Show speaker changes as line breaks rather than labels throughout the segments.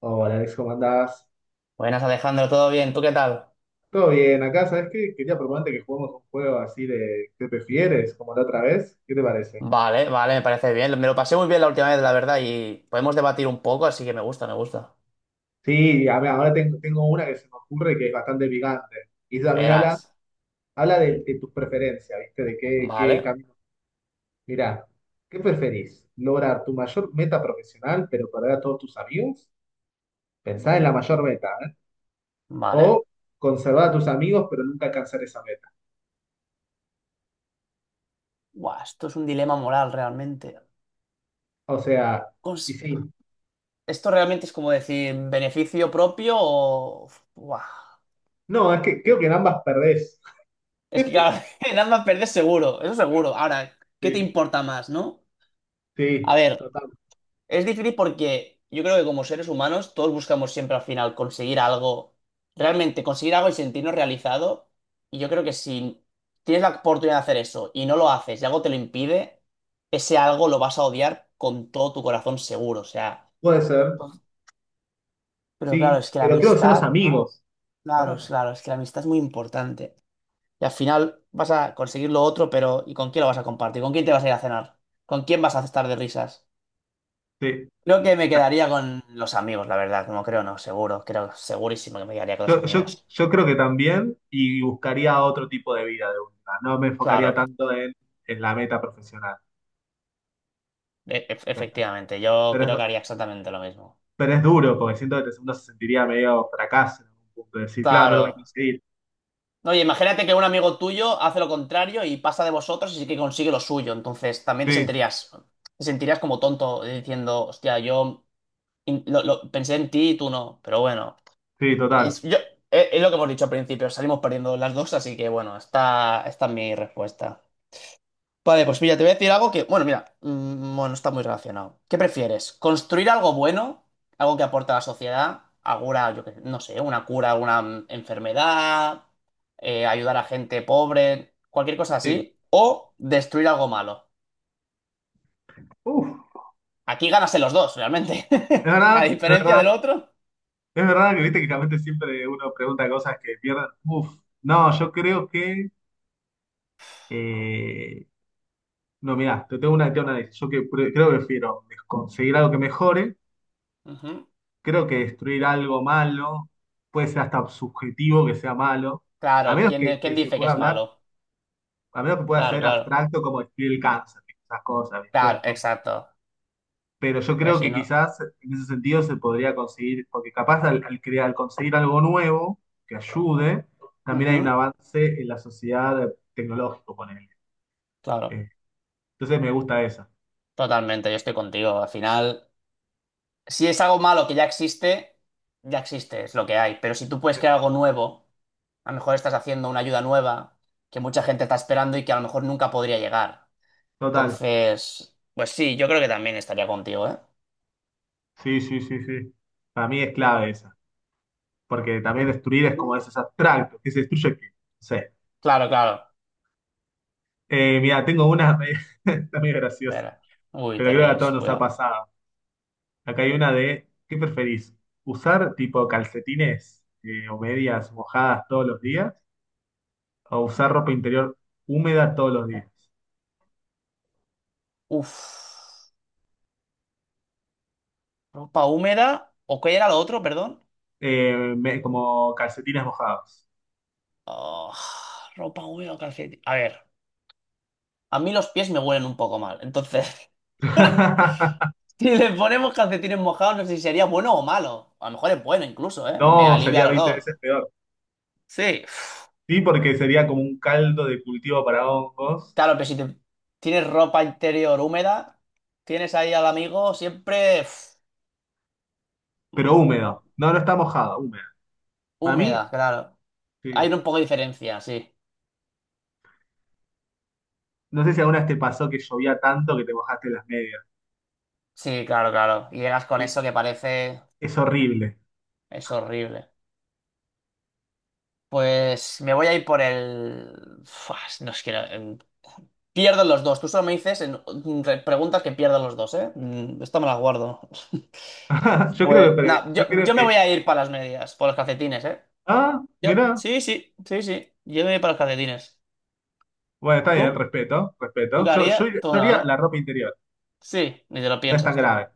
Oh, hola Alex, ¿cómo andás?
Buenas, Alejandro, ¿todo bien? ¿Tú qué tal?
Todo bien, acá. ¿Sabes qué? Quería proponerte que juguemos un juego así de ¿qué prefieres? Como la otra vez. ¿Qué te parece?
Vale, vale, me parece bien. Me lo pasé muy bien la última vez, la verdad, y podemos debatir un poco, así que me gusta.
Sí, a ver, ahora tengo una que se me ocurre que es bastante picante. Y también habla,
Verás.
habla de tus preferencias, ¿viste? De qué, qué
Vale,
camino. Mirá, ¿qué preferís? ¿Lograr tu mayor meta profesional pero perder a todos tus amigos? Pensá en la mayor meta, ¿eh?
vale.
O conservar a tus amigos pero nunca alcanzar esa meta.
Buah, esto es un dilema moral realmente.
O sea, y
Cons-
sí.
Esto realmente es como decir beneficio propio o... Buah.
No, es que creo que en ambas perdés.
Es que claro, en ambas perder seguro, eso seguro. Ahora, ¿qué te importa más, no? A
Sí,
ver,
total.
es difícil porque yo creo que como seres humanos todos buscamos siempre al final conseguir algo, realmente conseguir algo y sentirnos realizado. Y yo creo que si tienes la oportunidad de hacer eso y no lo haces y algo te lo impide, ese algo lo vas a odiar con todo tu corazón seguro. O sea,
Puede ser,
pero claro,
sí,
es que la
pero creo que son los
amistad,
amigos,
claro,
¿verdad?
claro, es que la amistad es muy importante. Y al final vas a conseguir lo otro, pero ¿y con quién lo vas a compartir? ¿Con quién te vas a ir a cenar? ¿Con quién vas a estar de risas?
Sí.
Creo que me
Ah,
quedaría con los amigos, la verdad. No creo, no, seguro. Creo, segurísimo que me quedaría con los
Yo, yo,
amigos.
yo creo que también, y buscaría otro tipo de vida de última. No me enfocaría
Claro,
tanto en la meta profesional. Pero,
efectivamente. Yo
pero es,
creo que haría exactamente lo mismo.
pero es duro porque siento que uno se sentiría medio fracaso en algún punto. De Decir, claro, no lo voy a
Claro.
conseguir.
Oye, imagínate que un amigo tuyo hace lo contrario y pasa de vosotros y sí que consigue lo suyo. Entonces también
Sí,
te sentirías como tonto diciendo, hostia, yo pensé en ti y tú no. Pero bueno,
sí, total.
es, es lo que hemos dicho al principio. Salimos perdiendo las dos, así que bueno, esta es mi respuesta. Vale, pues mira, te voy a decir algo que, bueno, mira, bueno, está muy relacionado. ¿Qué prefieres? ¿Construir algo bueno? ¿Algo que aporta a la sociedad? ¿Alguna, yo qué sé, no sé, una cura, una enfermedad? ¿Ayudar a gente pobre? Cualquier cosa
Sí.
así. ¿O destruir algo malo?
Uf,
Aquí ganas en los dos, realmente.
es
A
verdad, es
diferencia
verdad.
del otro.
Es verdad que viste que realmente siempre uno pregunta cosas que pierden. Uf, no, yo creo que eh, no, mirá, te tengo una lista. Yo que creo que prefiero conseguir algo que mejore,
Ujú.
creo que destruir algo malo puede ser hasta subjetivo que sea malo, a
Claro,
menos
¿quién, de- quién
que se
dice que
pueda
es
hablar,
malo?
a menos que pueda
Claro,
ser
claro.
abstracto como destruir el cáncer, esas cosas,
Claro,
¿viste?
exacto.
Pero yo
Pero
creo
si
que
no.
quizás en ese sentido se podría conseguir, porque capaz al crear, al conseguir algo nuevo que ayude, también hay un
Ujú,
avance en la sociedad tecnológico, ponele.
claro,
Eh, Entonces me gusta esa.
totalmente, yo estoy contigo. Al final. Si es algo malo que ya existe, es lo que hay. Pero si tú puedes crear algo nuevo, a lo mejor estás haciendo una ayuda nueva que mucha gente está esperando y que a lo mejor nunca podría llegar.
Total.
Entonces, pues sí, yo creo que también estaría contigo, ¿eh?
Sí, sí, sí, sí. Para mí es clave esa, porque también destruir es como esos abstractos, que se destruye que, no sé.
Claro, claro.
Mira, tengo una, está muy graciosa,
Ver. Uy,
pero
te
creo que a todos
ríes,
nos ha
cuidado.
pasado. Acá hay una de, ¿qué preferís? ¿Usar tipo calcetines o medias mojadas todos los días? ¿O usar ropa interior húmeda todos los días?
Uf. ¿Ropa húmeda? ¿O qué era lo otro, perdón?
Como calcetines mojados.
Ah, ropa húmeda o calcetín. A ver, a mí los pies me huelen un poco mal, entonces... Si le ponemos calcetines mojados, no sé si sería bueno o malo. A lo mejor es bueno incluso, ¿eh? Me
No,
alivia
sería
el
20
olor.
veces peor.
Sí.
Sí, porque sería como un caldo de cultivo para hongos,
Claro, pero si te- tienes ropa interior húmeda, tienes ahí al amigo siempre uf,
pero
Mm,
húmedo. No, no está mojado, húmedo. Para mí,
húmeda, claro.
sí.
Hay un poco de diferencia, sí.
No sé si alguna vez te pasó que llovía tanto que te mojaste las medias.
Sí, claro, claro. Y llegas con
Y
eso que parece...
es horrible.
es horrible. Pues me voy a ir por el... Fuas, no es que... pierden los dos. Tú solo me dices en preguntas que pierdan los dos, ¿eh? Mm, esta me la guardo.
Yo creo
Pues,
que,
no,
yo creo
yo me
que,
voy a ir para las medias, por los calcetines, ¿eh?
ah,
Yo,
mirá.
sí, sí, sí, sí, yo me voy para los calcetines.
Bueno, está bien,
¿Tú?
respeto,
¿Tú
respeto.
qué
Yo, yo,
harías? Tú
yo
no,
haría la
¿no?
ropa interior.
Sí, ni te lo
No es tan
piensas tú.
grave.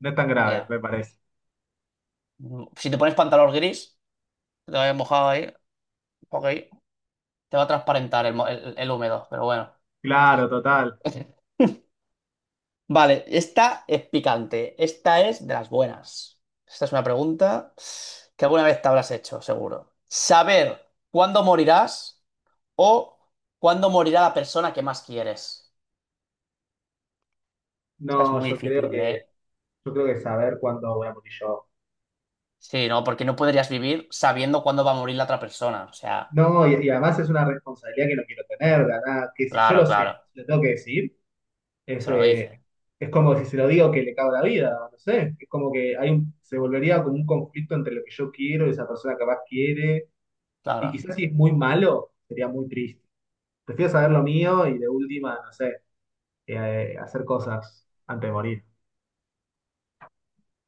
No es tan grave,
Ya.
me parece.
Mm, si te pones pantalón gris, que te vayas mojado ahí, ok, te va a transparentar el húmedo, pero bueno.
Claro, total.
Vale, esta es picante. Esta es de las buenas. Esta es una pregunta que alguna vez te habrás hecho, seguro. ¿Saber cuándo morirás o cuándo morirá la persona que más quieres? Esta es
No,
muy difícil, ¿eh?
yo creo que saber cuándo voy a morir yo.
Sí, ¿no? Porque no podrías vivir sabiendo cuándo va a morir la otra persona. O sea,
No, y además es una responsabilidad que no quiero tener, ¿verdad? Que si yo
claro,
lo sé,
claro.
lo tengo que decir. Es,
Se lo
eh,
dice.
es como si se lo digo que le cago la vida, no sé. Es como que se volvería como un conflicto entre lo que yo quiero y esa persona capaz quiere. Y
Claro.
quizás si es muy malo, sería muy triste. Prefiero saber lo mío y de última, no sé, hacer cosas antes de morir.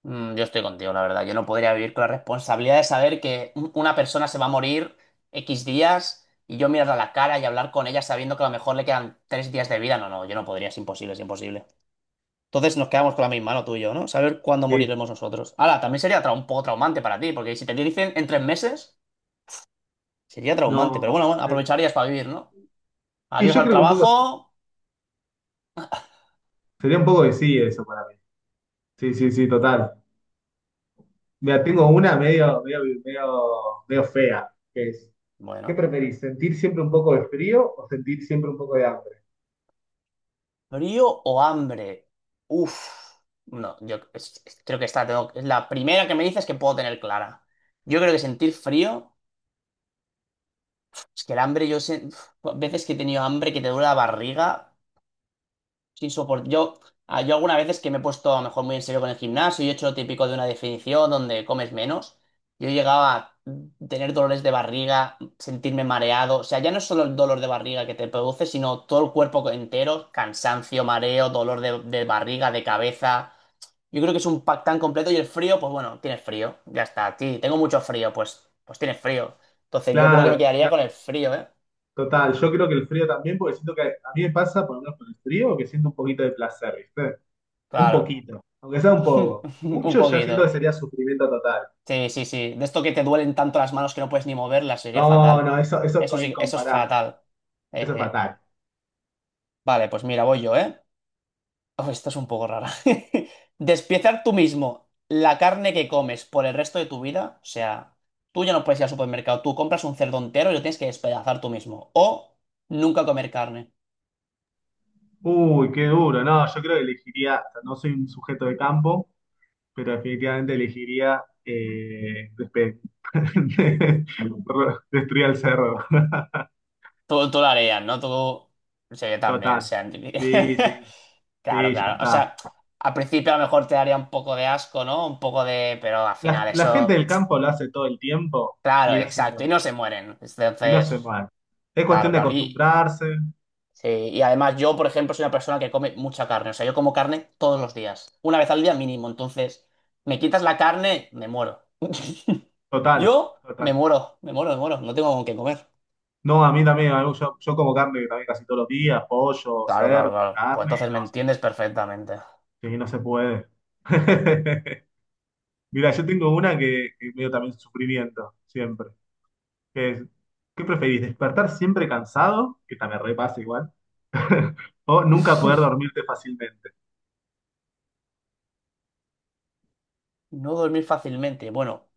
Mm, yo estoy contigo, la verdad. Yo no podría vivir con la responsabilidad de saber que una persona se va a morir X días y yo mirarla a la cara y hablar con ella sabiendo que a lo mejor le quedan 3 días de vida. No, no, yo no podría. Es imposible, es imposible. Entonces nos quedamos con la misma, no tú y yo, ¿no? Saber cuándo
Sí,
moriremos nosotros. Ahora, también sería un poco traumante para ti, porque si te dicen en 3 meses. Sería traumante, pero bueno,
no.
bueno, aprovecharías para vivir, ¿no?
Y
Adiós
yo
al
creo que un poco,
trabajo.
sería un poco de sí eso para mí. Sí, sí, sí, total. Mira, tengo una medio fea, que es, ¿qué
Bueno,
preferís? ¿Sentir siempre un poco de frío o sentir siempre un poco de hambre?
frío o hambre. Uf, no, yo creo que esta es la primera que me dices que puedo tener clara. Yo creo que sentir frío, es que el hambre, yo sé, uf, veces que he tenido hambre que te duele la barriga. Sin soporte. Yo, ah, yo algunas veces que me he puesto a lo mejor muy en serio con el gimnasio y he hecho lo típico de una definición donde comes menos, yo llegaba a tener dolores de barriga, sentirme mareado. O sea, ya no es solo el dolor de barriga que te produce, sino todo el cuerpo entero, cansancio, mareo, dolor de barriga, de cabeza. Yo creo que es un pack tan completo y el frío, pues bueno, tienes frío, ya está. Sí, tengo mucho frío, pues tienes frío. Entonces yo creo que me
Claro,
quedaría
ya,
con el frío, ¿eh?
total. Yo creo que el frío también, porque siento que a mí me pasa, por lo menos con el frío, que siento un poquito de placer, ¿viste? Un
Claro.
poquito, aunque sea un poco.
Un
Mucho ya siento que
poquito.
sería sufrimiento total.
Sí, sí, sí. De esto que te duelen tanto las manos que no puedes ni moverlas, sería
No,
fatal.
no, eso
Eso
es
sí, eso es
incomparable.
fatal.
Eso es
Eje.
fatal.
Vale, pues mira, voy yo, ¿eh? Oh, esto es un poco rara. Despiezar tú mismo la carne que comes por el resto de tu vida. O sea, tú ya no puedes ir al supermercado. Tú compras un cerdo entero y lo tienes que despedazar tú mismo. O nunca comer carne.
Uy, qué duro. No, yo creo que elegiría, o sea, no soy un sujeto de campo, pero definitivamente elegiría destruir el cerro.
Tú lo harías, ¿no? Tú. Sí, yo también, o
Total.
sea.
Sí, sí,
Claro,
sí, ya
claro. O
está.
sea, al principio a lo mejor te daría un poco de asco, ¿no? Un poco de. Pero al
La,
final
la gente
eso.
del campo lo hace todo el tiempo,
Claro,
mirá si
exacto. Y
no,
no se mueren.
si no
Entonces,
se mal. Es
claro,
cuestión de
claro. Y,
acostumbrarse,
sí, y además yo, por ejemplo, soy una persona que come mucha carne. O sea, yo como carne todos los días. Una vez al día mínimo. Entonces, me quitas la carne, me muero.
total,
Yo me
total.
muero, me muero, me muero. No tengo con qué comer.
No, a mí también, yo, yo como carne también casi todos los días, pollo,
Claro, claro,
cerdo,
claro. Pues
carne, y
entonces me
no,
entiendes perfectamente.
sí, no se puede. Mira, yo tengo una que veo también sufrimiento, siempre, que es, ¿qué preferís? ¿Despertar siempre cansado? Que también repasa igual. O nunca poder dormirte fácilmente.
No dormir fácilmente. Bueno,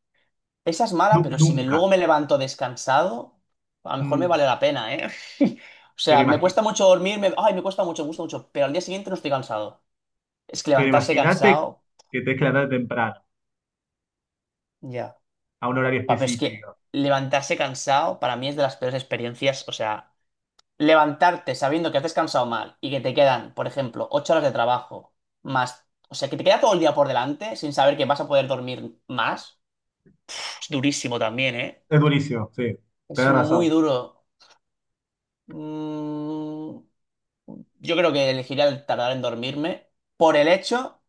esa es mala, pero si me,
Nunca.
luego me levanto descansado, a lo mejor me
Mm,
vale la pena, ¿eh? O sea,
pero
me cuesta mucho dormir, ay, me cuesta mucho, me gusta mucho, pero al día siguiente no estoy cansado. Es que
Pero
levantarse
imagínate
cansado,
que tenés que levantar temprano,
ya.
a un horario
Pa, pero es que
específico.
levantarse cansado para mí es de las peores experiencias. O sea, levantarte sabiendo que has descansado mal y que te quedan, por ejemplo, 8 horas de trabajo más. O sea, que te queda todo el día por delante sin saber que vas a poder dormir más. Es durísimo también, ¿eh?
Es durísimo, sí,
Es
tenés
muy
razón.
duro. Mm, yo creo que elegiría el tardar en dormirme por el hecho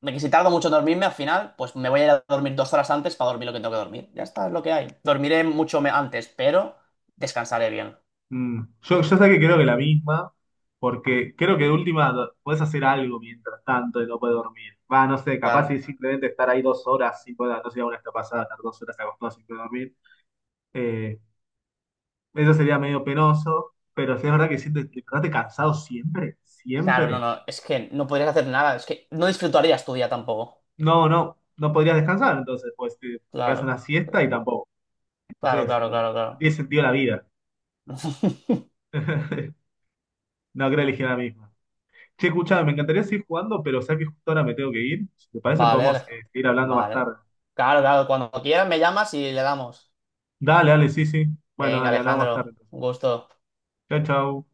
de que si tardo mucho en dormirme, al final, pues me voy a ir a dormir 2 horas antes para dormir lo que tengo que dormir. Ya está, es lo que hay. Dormiré antes, pero descansaré bien.
Mm. Yo sé que creo que la misma, porque creo que de última podés hacer algo mientras tanto y no podés dormir. Va, no sé, capaz si
Claro,
simplemente estar ahí 2 horas sin poder, no sé, una pasada, estar 2 horas acostado sin poder dormir. Eh, eso sería medio penoso, pero si es verdad que sientes, te despertaste cansado siempre,
claro, no,
siempre.
no, es que no podrías hacer nada, es que no disfrutarías tu día tampoco.
No, no, no podrías descansar, entonces pues te pegas
Claro,
una siesta y tampoco.
claro,
Entonces
claro,
no,
claro,
no
claro.
tiene sentido la vida. No, creo que elegí la misma. Che, escuchame, me encantaría seguir jugando, pero sé que justo ahora me tengo que ir. Si te parece,
Vale,
podemos seguir hablando más
vale.
tarde.
Claro, claro, cuando quieras me llamas y le damos.
Dale, dale, sí, sí. Bueno,
Venga,
dale, hablamos más tarde
Alejandro,
entonces.
un gusto.
Chau, chau.